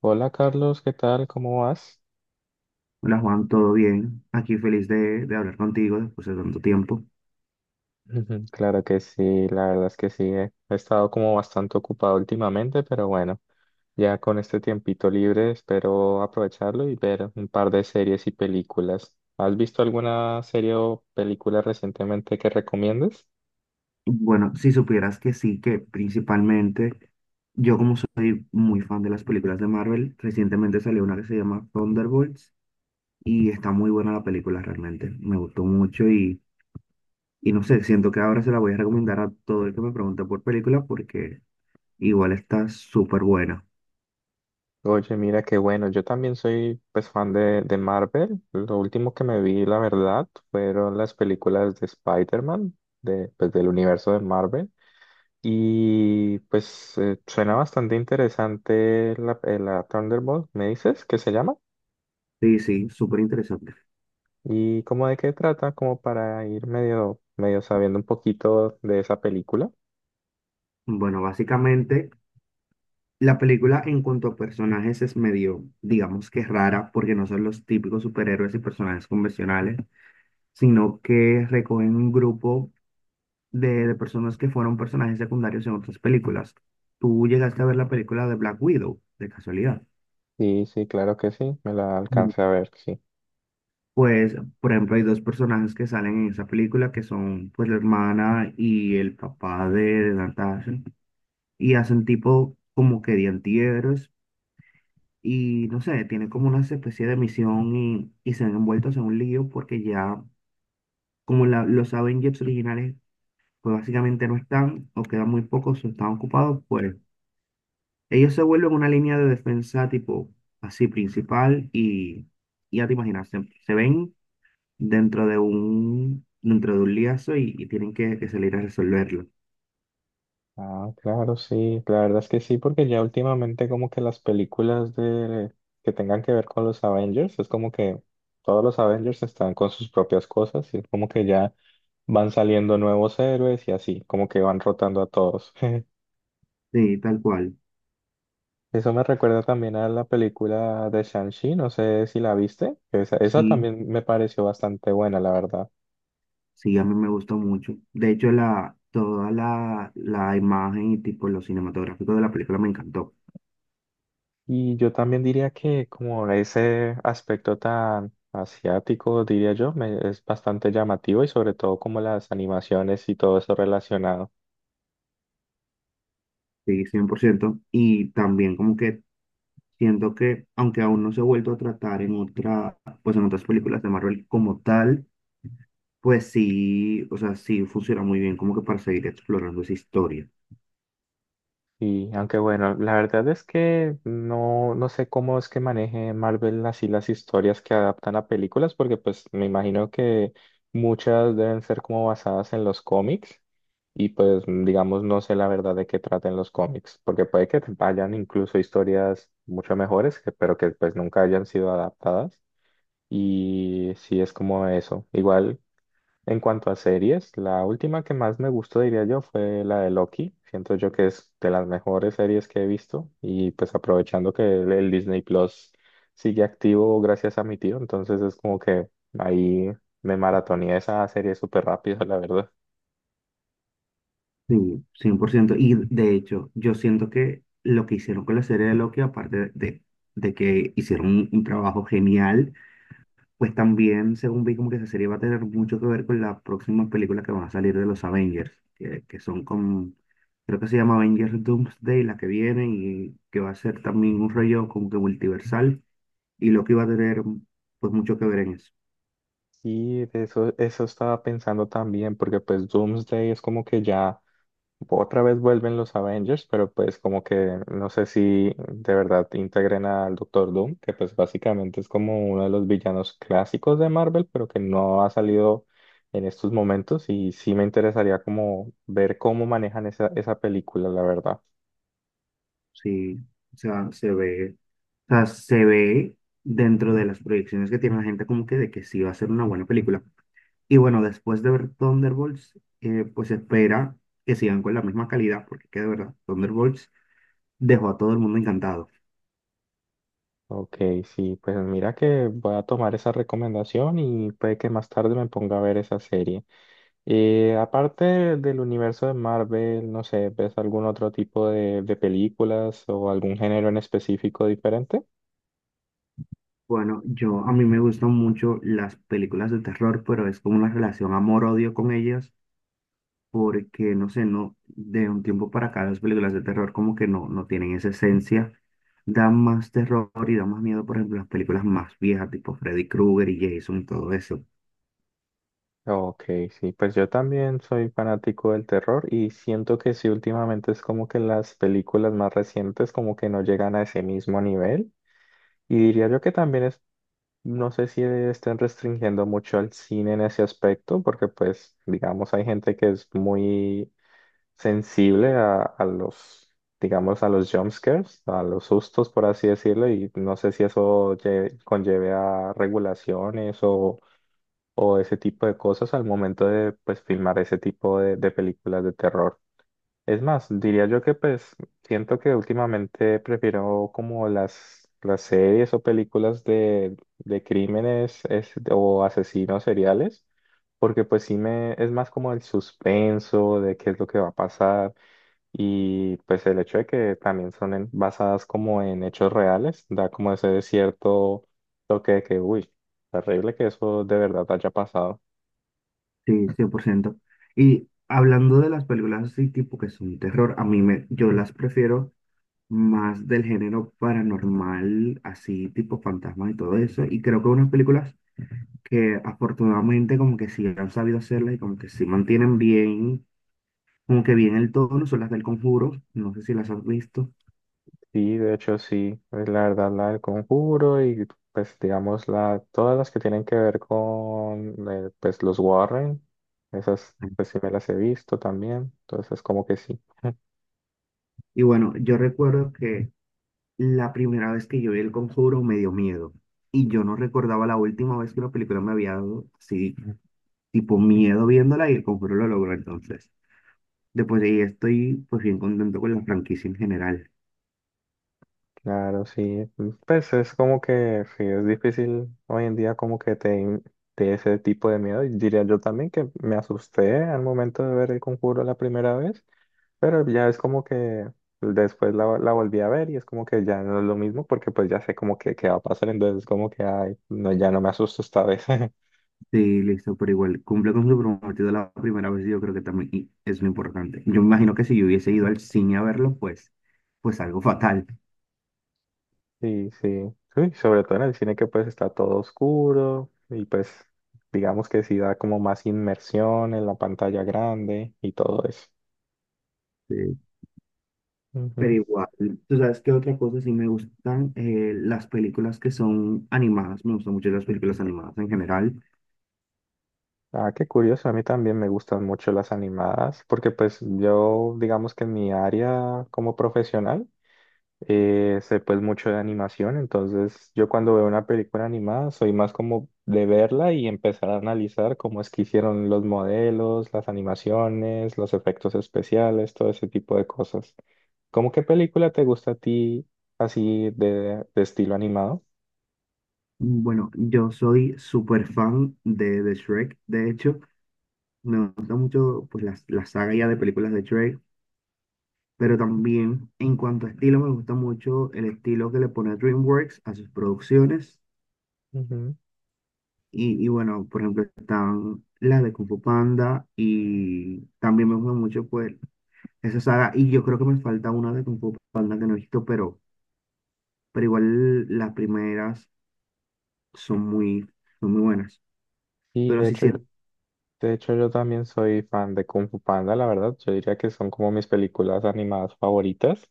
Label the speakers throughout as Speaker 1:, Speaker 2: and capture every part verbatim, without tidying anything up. Speaker 1: Hola Carlos, ¿qué tal? ¿Cómo vas?
Speaker 2: Hola Juan, ¿todo bien? Aquí feliz de, de hablar contigo después de tanto tiempo.
Speaker 1: Ujú, claro que sí, la verdad es que sí. eh. He estado como bastante ocupado últimamente, pero bueno, ya con este tiempito libre espero aprovecharlo y ver un par de series y películas. ¿Has visto alguna serie o película recientemente que recomiendes?
Speaker 2: Bueno, si supieras que sí, que principalmente yo como soy muy fan de las películas de Marvel, recientemente salió una que se llama Thunderbolts y está muy buena la película realmente. Me gustó mucho y, y no sé, siento que ahora se la voy a recomendar a todo el que me pregunte por película porque igual está súper buena.
Speaker 1: Oye, mira qué bueno, yo también soy pues fan de, de Marvel. Lo último que me vi, la verdad, fueron las películas de Spider-Man, de, pues, del universo de Marvel. Y pues eh, suena bastante interesante la, eh, la Thunderbolt. ¿Me dices qué se llama?
Speaker 2: Sí, sí, súper interesante.
Speaker 1: ¿Y cómo de qué trata? Como para ir medio, medio sabiendo un poquito de esa película.
Speaker 2: Bueno, básicamente la película en cuanto a personajes es medio, digamos que rara, porque no son los típicos superhéroes y personajes convencionales, sino que recogen un grupo de, de personas que fueron personajes secundarios en otras películas. ¿Tú llegaste a ver la película de Black Widow, de casualidad?
Speaker 1: Sí, sí, claro que sí, me la
Speaker 2: Mm.
Speaker 1: alcancé a ver, sí.
Speaker 2: Pues, por ejemplo, hay dos personajes que salen en esa película, que son pues la hermana y el papá de, de Natasha, y hacen tipo como que de antihéroes y no sé, tienen como una especie de misión y, y se han envueltos en un lío porque ya, como la- los Avengers originales, pues básicamente no están o quedan muy pocos o están ocupados, pues ellos se vuelven una línea de defensa tipo así principal y y ya te imaginas, se, se ven dentro de un, dentro de un liazo y, y tienen que, que salir a resolverlo.
Speaker 1: Ah, claro, sí, la verdad es que sí, porque ya últimamente como que las películas de que tengan que ver con los Avengers, es como que todos los Avengers están con sus propias cosas y es como que ya van saliendo nuevos héroes y así, como que van rotando a todos.
Speaker 2: Sí, tal cual.
Speaker 1: Eso me recuerda también a la película de Shang-Chi, no sé si la viste, esa, esa
Speaker 2: Sí.
Speaker 1: también me pareció bastante buena, la verdad.
Speaker 2: Sí, a mí me gustó mucho. De hecho, la, toda la, la imagen y tipo lo cinematográfico de la película me encantó.
Speaker 1: Y yo también diría que como ese aspecto tan asiático, diría yo, me- es bastante llamativo y sobre todo como las animaciones y todo eso relacionado.
Speaker 2: Sí, cien por ciento. Y también como que siento que, aunque aún no se ha vuelto a tratar en otra, pues en otras películas de Marvel como tal, pues sí, o sea, sí funciona muy bien como que para seguir explorando esa historia.
Speaker 1: Y aunque bueno, la verdad es que no, no sé cómo es que maneje Marvel así las historias que adaptan a películas, porque pues me imagino que muchas deben ser como basadas en los cómics y pues digamos no sé la verdad de qué traten los cómics, porque puede que vayan incluso historias mucho mejores, que- pero que pues nunca hayan sido adaptadas. Y sí es como eso. Igual en cuanto a series, la última que más me gustó, diría yo, fue la de Loki. Siento yo que es de las mejores series que he visto y pues aprovechando que el, el Disney Plus sigue activo gracias a mi tío, entonces es como que ahí me maratoneé esa serie súper rápido, la verdad.
Speaker 2: Sí, cien por ciento. Y de hecho, yo siento que lo que hicieron con la serie de Loki, aparte de, de que hicieron un, un trabajo genial, pues también, según vi, como que esa serie va a tener mucho que ver con las próximas películas que van a salir de los Avengers, que, que son con, creo que se llama Avengers Doomsday, la que viene, y que va a ser también un rollo como que multiversal, y lo que va a tener pues mucho que ver en eso.
Speaker 1: Sí, de eso, eso estaba pensando también, porque pues Doomsday es como que ya otra vez vuelven los Avengers, pero pues como que no sé si de verdad integren al Doctor Doom, que pues básicamente es como uno de los villanos clásicos de Marvel, pero que no ha salido en estos momentos y sí me interesaría como ver cómo manejan esa, esa película, la verdad.
Speaker 2: Sí, o sea, se ve, o sea, se ve dentro de las proyecciones que tiene la gente como que de que sí va a ser una buena película. Y bueno, después de ver Thunderbolts, eh, pues se espera que sigan con la misma calidad, porque que de verdad, Thunderbolts dejó a todo el mundo encantado.
Speaker 1: Ok, sí, pues mira que voy a tomar esa recomendación y puede que más tarde me ponga a ver esa serie. Y aparte del universo de Marvel, no sé, ¿ves algún otro tipo de, de películas o algún género en específico diferente?
Speaker 2: Bueno, yo a mí me gustan mucho las películas de terror, pero es como una relación amor-odio con ellas, porque no sé, no, de un tiempo para acá las películas de terror como que no, no tienen esa esencia, dan más terror y dan más miedo, por ejemplo, las películas más viejas, tipo Freddy Krueger y Jason y todo eso.
Speaker 1: Ok, sí, pues yo también soy fanático del terror y siento que sí, últimamente es como que las películas más recientes como que no llegan a ese mismo nivel. Y diría yo que también es, no sé si estén restringiendo mucho al cine en ese aspecto, porque pues, digamos, hay gente que es muy sensible a, a los, digamos, a los jump scares, a los sustos, por así decirlo, y no sé si eso lle- conlleve a regulaciones o, o ese tipo de cosas al momento de, pues, filmar ese tipo de, de películas de terror. Es más, diría yo que, pues, siento que últimamente prefiero como las, las series o películas de, de crímenes es- o asesinos seriales. Porque pues sí me, es más como el suspenso de qué es lo que va a pasar. Y pues el hecho de que también son en- basadas como en hechos reales, da como ese cierto toque de que, uy, terrible que eso de verdad haya pasado.
Speaker 2: Sí, cien por ciento. Y hablando de las películas así, tipo que son terror, a mí me, yo las prefiero más del género paranormal, así tipo fantasma y todo eso. Y creo que unas películas que afortunadamente como que sí han sabido hacerlas y como que sí mantienen bien, como que bien el tono, son las del Conjuro. No sé si las has visto.
Speaker 1: Sí, de hecho sí, es la verdad la del Conjuro y pues digamos la, todas las que tienen que ver con eh, pues los Warren, esas pues sí me las he visto también, entonces como que sí.
Speaker 2: Y bueno, yo recuerdo que la primera vez que yo vi El Conjuro me dio miedo. Y yo no recordaba la última vez que una película me había dado así, tipo miedo viéndola y El Conjuro lo logró entonces. Después de ahí estoy pues bien contento con la franquicia en general.
Speaker 1: Claro, sí. Pues es como que sí, es difícil hoy en día como que te in- te ese tipo de miedo. Y diría yo también que me asusté al momento de ver el conjuro la primera vez, pero ya es como que después la, la volví a ver y es como que ya no es lo mismo porque pues ya sé como que qué va a pasar, entonces como que ay, no, ya no me asusto esta vez.
Speaker 2: Sí, listo, pero igual cumple con su prometido la primera vez, yo creo que también y es lo importante. Yo me imagino que si yo hubiese ido al cine a verlo, pues, pues algo fatal.
Speaker 1: Sí, sí. Sí, sobre todo en el cine que pues está todo oscuro y pues digamos que sí da como más inmersión en la pantalla grande y todo eso.
Speaker 2: Sí. Pero
Speaker 1: Ujú.
Speaker 2: igual, tú sabes que otra cosa sí me gustan eh, las películas que son animadas, me gustan mucho las películas animadas en general.
Speaker 1: Ah, qué curioso, a mí también me gustan mucho las animadas, porque pues yo, digamos que en mi área como profesional, eh, sé pues mucho de animación, entonces yo cuando veo una película animada soy más como de verla y empezar a analizar cómo es que hicieron los modelos, las animaciones, los efectos especiales, todo ese tipo de cosas. ¿Cómo qué película te gusta a ti así de, de estilo animado?
Speaker 2: Bueno, yo soy súper fan de, de Shrek, de hecho, me gusta mucho pues, la, la saga ya de películas de Shrek, pero también en cuanto a estilo, me gusta mucho el estilo que le pone DreamWorks a sus producciones.
Speaker 1: Ujú.
Speaker 2: Y, y bueno, por ejemplo, están las de Kung Fu Panda y también me gusta mucho pues esa saga. Y yo creo que me falta una de Kung Fu Panda que no he visto, pero, pero igual las primeras son muy, son muy buenas.
Speaker 1: Y
Speaker 2: Pero
Speaker 1: de
Speaker 2: sí,
Speaker 1: hecho
Speaker 2: sí,
Speaker 1: yo De hecho, yo también soy fan de Kung Fu Panda, la verdad. Yo diría que son como mis películas animadas favoritas.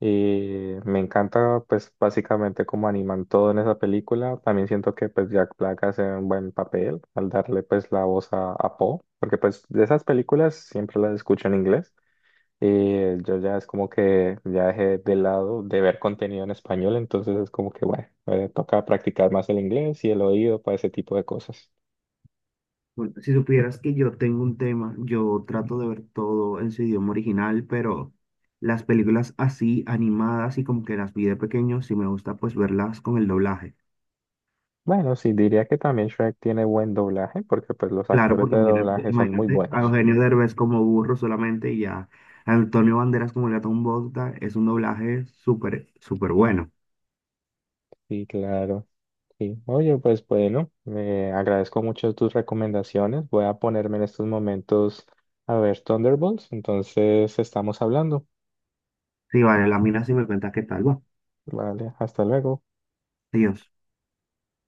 Speaker 1: Y me encanta, pues, básicamente cómo animan todo en esa película. También siento que, pues, Jack Black hace un buen papel al darle, pues, la voz a, a Poe. Porque, pues, de esas películas siempre las escucho en inglés. Y yo ya es como que ya dejé de lado de ver contenido en español. Entonces es como que, bueno, eh, toca practicar más el inglés y el oído para ese tipo de cosas.
Speaker 2: bueno, si supieras que yo tengo un tema, yo trato de ver todo en su idioma original, pero las películas así, animadas y como que las vi de pequeño, sí me gusta pues verlas con el doblaje.
Speaker 1: Bueno, sí, diría que también Shrek tiene buen doblaje, porque pues los
Speaker 2: Claro,
Speaker 1: actores
Speaker 2: porque
Speaker 1: de
Speaker 2: imagínate,
Speaker 1: doblaje son muy
Speaker 2: imagínate a
Speaker 1: buenos.
Speaker 2: Eugenio
Speaker 1: Sí,
Speaker 2: Derbez como burro solamente y a Antonio Banderas como el Gatón Bogta, es un doblaje súper, súper bueno.
Speaker 1: sí, claro. Sí. Oye, pues bueno, me agradezco mucho tus recomendaciones. Voy a ponerme en estos momentos a ver Thunderbolts, entonces estamos hablando.
Speaker 2: Sí, vale, la mina si me cuentas qué tal va.
Speaker 1: Vale, hasta luego.
Speaker 2: Adiós.